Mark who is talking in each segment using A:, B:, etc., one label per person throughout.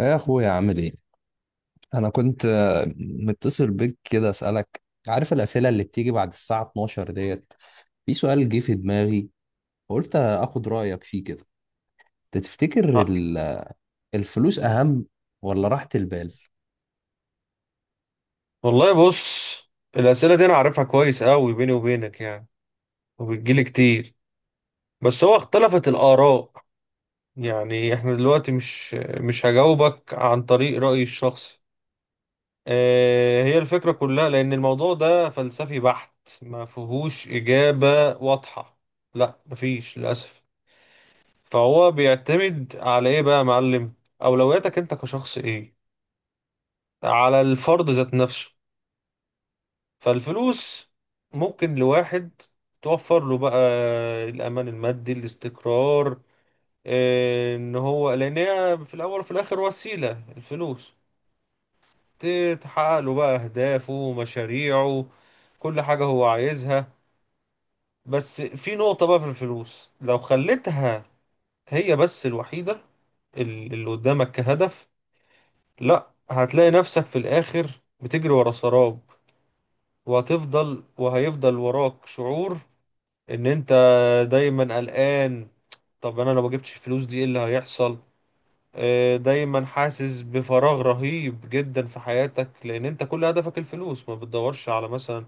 A: يا اخويا عامل ايه؟ انا كنت متصل بيك كده اسالك. عارف الاسئله اللي بتيجي بعد الساعه 12 ديت؟ في سؤال جه في دماغي، قلت اخد رايك فيه كده. أنت تفتكر
B: آه.
A: الفلوس اهم ولا راحه البال؟
B: والله بص، الأسئلة دي أنا عارفها كويس أوي بيني وبينك، يعني، وبتجيلي كتير. بس هو اختلفت الآراء. يعني إحنا دلوقتي مش هجاوبك عن طريق رأيي الشخصي، هي الفكرة كلها، لأن الموضوع ده فلسفي بحت. ما فيهوش إجابة واضحة. لا، مفيش للأسف. فهو بيعتمد على إيه بقى يا معلم؟ أولوياتك أنت كشخص إيه، على الفرد ذات نفسه. فالفلوس ممكن لواحد توفر له بقى الأمان المادي، الاستقرار. إن هو لأن هي في الأول وفي الآخر وسيلة، الفلوس تحقق له بقى أهدافه، مشاريعه، كل حاجة هو عايزها. بس في نقطة بقى، في الفلوس لو خليتها هي بس الوحيدة اللي قدامك كهدف، لا، هتلاقي نفسك في الآخر بتجري ورا سراب، وهتفضل وهيفضل وراك شعور ان انت دايما قلقان. طب انا لو ما جبتش الفلوس دي، ايه اللي هيحصل؟ دايما حاسس بفراغ رهيب جدا في حياتك، لان انت كل هدفك الفلوس، ما بتدورش على مثلا،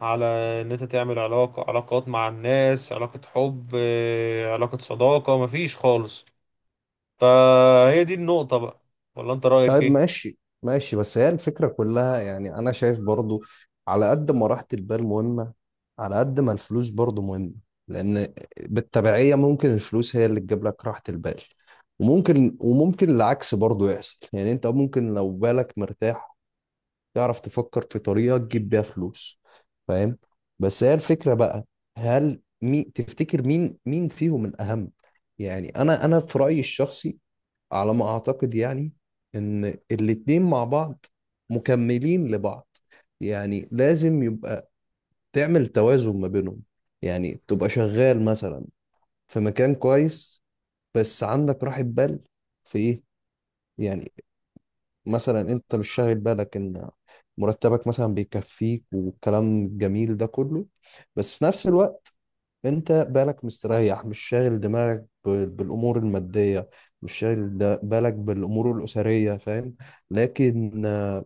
B: على ان انت تعمل علاقات مع الناس، علاقة حب، علاقة صداقة، مفيش خالص. فهي دي النقطة بقى. ولا انت رأيك
A: طيب،
B: ايه؟
A: ماشي بس هي الفكرة كلها، يعني أنا شايف برضو على قد ما راحة البال مهمة، على قد ما الفلوس برضو مهمة. لأن بالتبعية ممكن الفلوس هي اللي تجيب لك راحة البال، وممكن العكس برضو يحصل. يعني أنت ممكن لو بالك مرتاح، تعرف تفكر في طريقة تجيب بيها فلوس. فاهم؟ بس هي الفكرة بقى، هل مي تفتكر مين فيهم الأهم؟ يعني أنا في رأيي الشخصي، على ما اعتقد، يعني ان الاتنين مع بعض مكملين لبعض. يعني لازم يبقى تعمل توازن ما بينهم. يعني تبقى شغال مثلا في مكان كويس بس عندك راحة بال في ايه. يعني مثلا انت مش شاغل بالك ان مرتبك مثلا بيكفيك والكلام الجميل ده كله، بس في نفس الوقت انت بالك مستريح، مش شاغل دماغك بالامور الماديه، مش شاغل بالك بالامور الاسريه. فاهم؟ لكن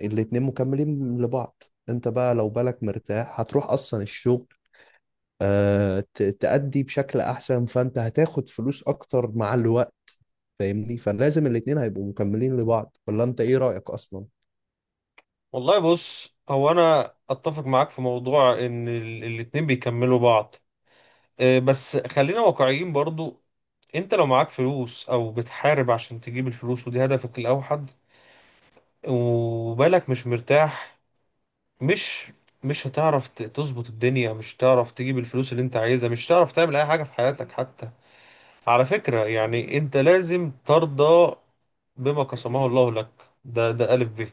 A: الاتنين مكملين لبعض. انت بقى لو بالك مرتاح هتروح اصلا الشغل، تأدي بشكل احسن، فانت هتاخد فلوس اكتر مع الوقت. فاهمني؟ فلازم الاتنين هيبقوا مكملين لبعض، ولا انت ايه رأيك اصلا؟
B: والله بص، هو انا اتفق معاك في موضوع ان الاتنين بيكملوا بعض. بس خلينا واقعيين برضو. انت لو معاك فلوس او بتحارب عشان تجيب الفلوس ودي هدفك الاوحد، وبالك مش مرتاح، مش مش هتعرف تظبط الدنيا، مش هتعرف تجيب الفلوس اللي انت عايزها، مش هتعرف تعمل اي حاجة في حياتك حتى. على فكرة يعني، انت لازم ترضى بما قسمه الله لك. ده ألف ب.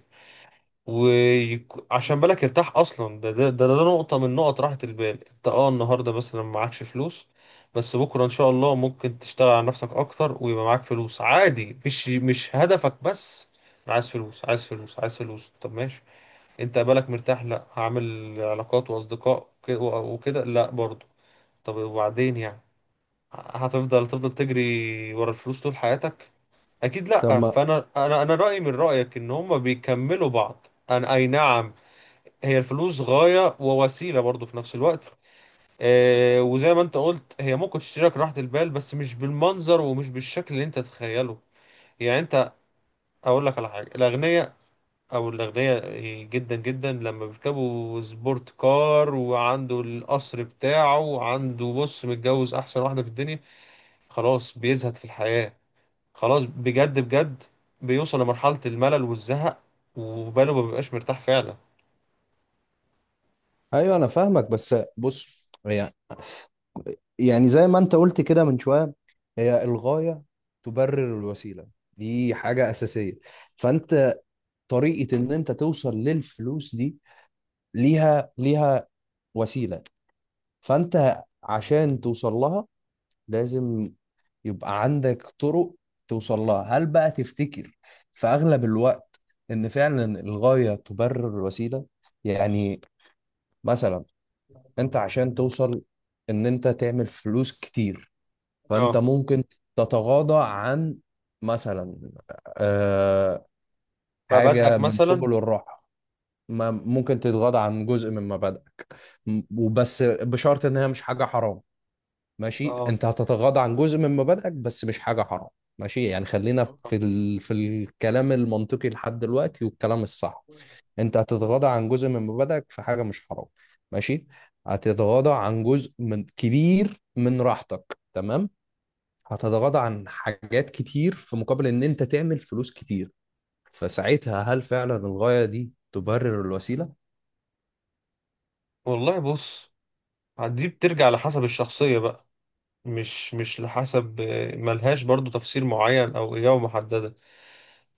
B: وعشان بالك يرتاح اصلا، ده نقطه من نقط راحه البال. انت، النهارده مثلا معكش فلوس، بس بكره ان شاء الله ممكن تشتغل على نفسك اكتر، ويبقى معاك فلوس عادي، مش هدفك بس. أنا عايز فلوس، عايز فلوس، عايز فلوس، طب ماشي، انت بالك مرتاح، لا هعمل علاقات واصدقاء وكده، لا برضه. طب وبعدين يعني، هتفضل تجري ورا الفلوس طول حياتك؟ اكيد
A: طب
B: لا.
A: ما.
B: فانا، انا رايي من رايك ان هما بيكملوا بعض. انا اي نعم. هي الفلوس غاية ووسيلة برضو في نفس الوقت. وزي ما انت قلت، هي ممكن تشتريك راحة البال، بس مش بالمنظر ومش بالشكل اللي انت تتخيله. يعني انت، اقول لك على حاجة. الاغنياء، او الاغنياء جدا جدا، لما بيركبوا سبورت كار وعنده القصر بتاعه، وعنده بص متجوز احسن واحدة في الدنيا، خلاص بيزهد في الحياة. خلاص، بجد بجد، بيوصل لمرحلة الملل والزهق، وباله ما بيبقاش مرتاح فعلا.
A: ايوه، انا فاهمك بس بص، هي يعني زي ما انت قلت كده من شوية، هي الغاية تبرر الوسيلة، دي حاجة أساسية. فانت طريقة ان انت توصل للفلوس دي، ليها وسيلة. فانت عشان توصل لها لازم يبقى عندك طرق توصل لها. هل بقى تفتكر في أغلب الوقت ان فعلا الغاية تبرر الوسيلة؟ يعني مثلا انت عشان توصل ان انت تعمل فلوس كتير، فانت
B: اه،
A: ممكن تتغاضى عن مثلا آه، حاجه من
B: مثلا.
A: سبل الراحه. ما ممكن تتغاضى عن جزء من مبادئك، وبس بشرط ان هي مش حاجه حرام. ماشي،
B: اه،
A: انت هتتغاضى عن جزء من مبادئك بس مش حاجه حرام، ماشي. يعني خلينا في في الكلام المنطقي لحد دلوقتي والكلام الصح. انت هتتغاضى عن جزء من مبادئك في حاجه مش حرام، ماشي. هتتغاضى عن جزء من كبير من راحتك، تمام. هتتغاضى عن حاجات كتير في مقابل ان انت تعمل فلوس كتير. فساعتها، هل فعلا الغاية دي تبرر الوسيلة؟
B: والله بص، دي بترجع لحسب الشخصية بقى. مش لحسب، ملهاش برضو تفسير معين او اجابة محددة.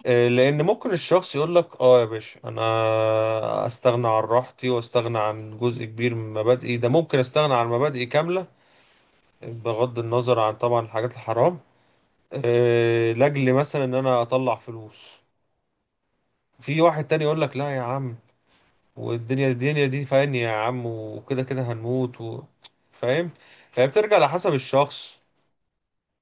B: لان ممكن الشخص يقول لك اه يا باشا، انا استغنى عن راحتي، واستغنى عن جزء كبير من مبادئي، ده ممكن استغنى عن مبادئي كاملة، بغض النظر عن طبعا الحاجات الحرام، لاجل مثلا ان انا اطلع فلوس. في واحد تاني يقول لك لا يا عم، والدنيا دي فاهم يا عم، وكده كده هنموت و... فاهم. فهي بترجع لحسب الشخص.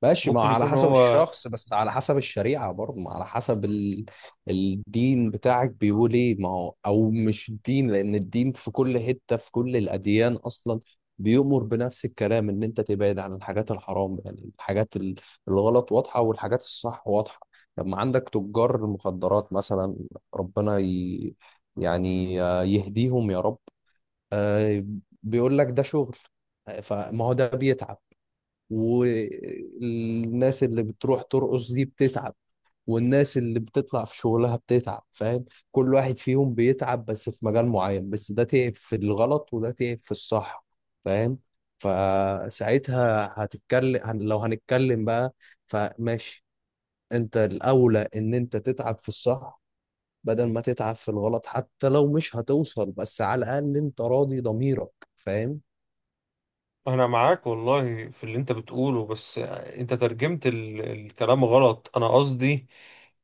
A: ماشي، ما
B: ممكن
A: على
B: يكون
A: حسب
B: هو.
A: الشخص بس على حسب الشريعة برضه، ما على حسب الدين بتاعك بيقول ايه. ما هو او مش الدين، لان الدين في كل حتة، في كل الاديان اصلا، بيؤمر بنفس الكلام ان انت تبعد عن الحاجات الحرام. يعني الحاجات الغلط واضحة والحاجات الصح واضحة. لما عندك تجار المخدرات مثلا، ربنا يعني يهديهم يا رب. آه، بيقول لك ده شغل. فما هو ده بيتعب، والناس اللي بتروح ترقص دي بتتعب، والناس اللي بتطلع في شغلها بتتعب. فاهم؟ كل واحد فيهم بيتعب بس في مجال معين، بس ده تعب في الغلط وده تعب في الصح. فاهم؟ فساعتها هتتكلم، لو هنتكلم بقى، فماشي، انت الاولى ان انت تتعب في الصح بدل ما تتعب في الغلط. حتى لو مش هتوصل، بس على الاقل انت راضي ضميرك. فاهم؟
B: انا معاك والله في اللي انت بتقوله، بس انت ترجمت الكلام غلط، انا قصدي،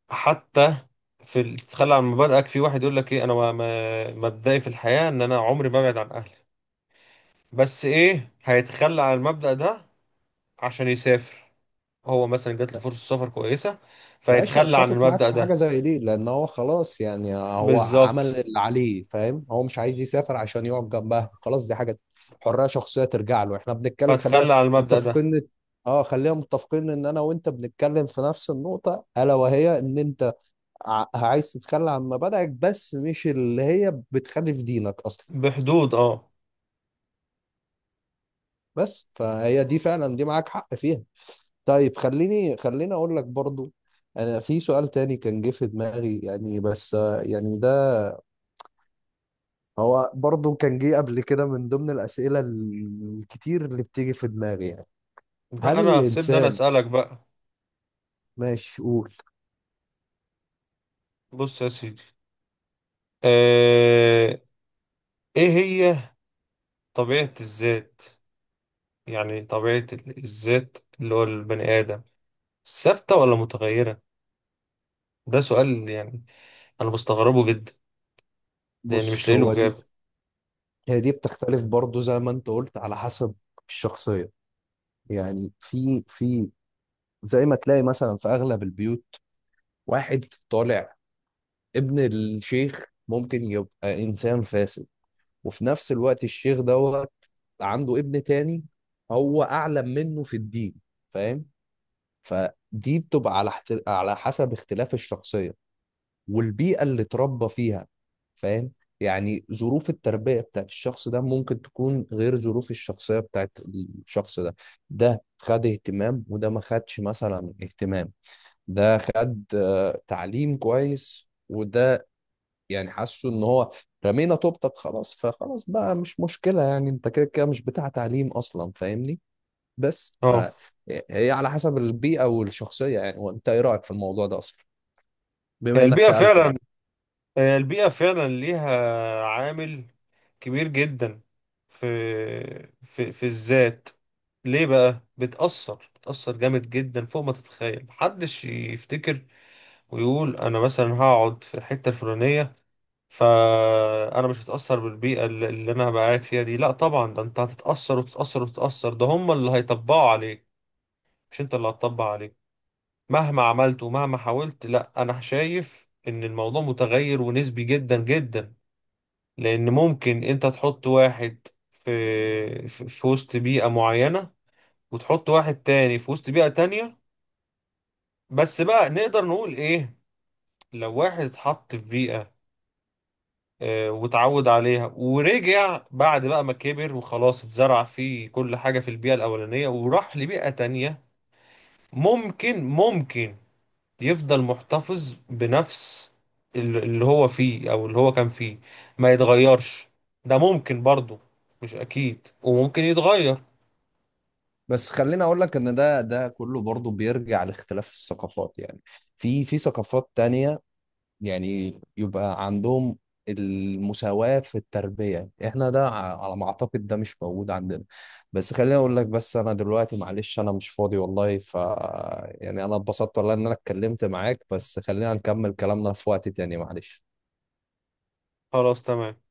B: حتى في تتخلى عن مبادئك، في واحد يقول لك ايه، انا ما... ما... مبدئي في الحياة ان انا عمري ما ابعد عن اهلي، بس ايه، هيتخلى عن المبدأ ده عشان يسافر، هو مثلا جات له فرصة سفر كويسة،
A: ماشي،
B: فيتخلى عن
A: اتفق معاك
B: المبدأ
A: في حاجه
B: ده.
A: زي دي، لان هو خلاص، يعني هو عمل
B: بالظبط.
A: اللي عليه. فاهم؟ هو مش عايز يسافر عشان يقعد جنبها، خلاص دي حاجه حريه شخصيه ترجع له. احنا بنتكلم، خلينا
B: فاتخلى عن المبدأ ده
A: متفقين اه خلينا متفقين ان انا وانت بنتكلم في نفس النقطه، الا وهي ان انت عايز تتخلى عن مبادئك بس مش اللي هي بتخالف دينك اصلا.
B: بحدود، اه.
A: بس فهي دي فعلا دي معاك حق فيها. طيب، خليني اقول لك برضو، انا في سؤال تاني كان جه في دماغي، يعني بس يعني هو برضو كان جه قبل كده من ضمن الأسئلة الكتير اللي بتيجي في دماغي يعني. هل
B: لا، انا سيبني انا
A: الإنسان؟
B: اسألك بقى.
A: ماشي قول.
B: بص يا سيدي، آه... ايه هي طبيعة الذات، يعني طبيعة الذات، اللي هو البني آدم، ثابتة ولا متغيرة؟ ده سؤال، يعني انا مستغربه جدا، لان مش
A: بص
B: لاقي له
A: هو دي،
B: اجابة.
A: هي دي بتختلف برضو زي ما أنت قلت على حسب الشخصية. يعني في زي ما تلاقي مثلا في أغلب البيوت، واحد طالع ابن الشيخ ممكن يبقى إنسان فاسد، وفي نفس الوقت الشيخ دوت عنده ابن تاني هو أعلم منه في الدين. فاهم؟ فدي بتبقى على على حسب اختلاف الشخصية والبيئة اللي اتربى فيها. فاهم؟ يعني ظروف التربية بتاعت الشخص ده ممكن تكون غير ظروف الشخصية بتاعت الشخص ده. ده خد اهتمام وده ما خدش مثلا اهتمام. ده خد تعليم كويس، وده يعني حاسه ان هو رمينا طوبتك خلاص، فخلاص بقى مش مشكلة، يعني انت كده كده مش بتاع تعليم اصلا. فاهمني؟ بس
B: اه،
A: فهي على حسب البيئة والشخصية. يعني وانت ايه رأيك في الموضوع ده اصلا، بما
B: هي
A: انك
B: البيئة
A: سألت
B: فعلا.
A: بقى؟
B: هي البيئة فعلا ليها عامل كبير جدا في في الذات. ليه بقى، بتأثر بتأثر جامد جدا فوق ما تتخيل. محدش يفتكر ويقول انا مثلا هقعد في الحتة الفلانية، فانا مش هتأثر بالبيئة اللي انا هبقى قاعد فيها دي. لا طبعا، ده انت هتتأثر وتتأثر وتتأثر. ده هم اللي هيطبقوا عليك، مش انت اللي هتطبق عليك، مهما عملت ومهما حاولت. لا، انا شايف ان الموضوع متغير ونسبي جدا جدا. لأن ممكن أنت تحط واحد في وسط بيئة معينة، وتحط واحد تاني في وسط بيئة تانية. بس بقى نقدر نقول إيه، لو واحد اتحط في بيئة، واتعود عليها، ورجع بعد بقى ما كبر وخلاص اتزرع فيه كل حاجة في البيئة الأولانية، وراح لبيئة تانية، ممكن يفضل محتفظ بنفس اللي هو فيه، أو اللي هو كان فيه، ما يتغيرش. ده ممكن برضه، مش أكيد، وممكن يتغير.
A: بس خليني اقول لك ان ده كله برضو بيرجع لاختلاف الثقافات. يعني في ثقافات تانية، يعني يبقى عندهم المساواة في التربية، احنا ده على ما اعتقد ده مش موجود عندنا. بس خليني اقول لك، بس انا دلوقتي معلش انا مش فاضي والله، ف يعني انا اتبسطت والله ان انا اتكلمت معاك، بس خلينا نكمل كلامنا في وقت تاني، معلش.
B: خلاص، تمام.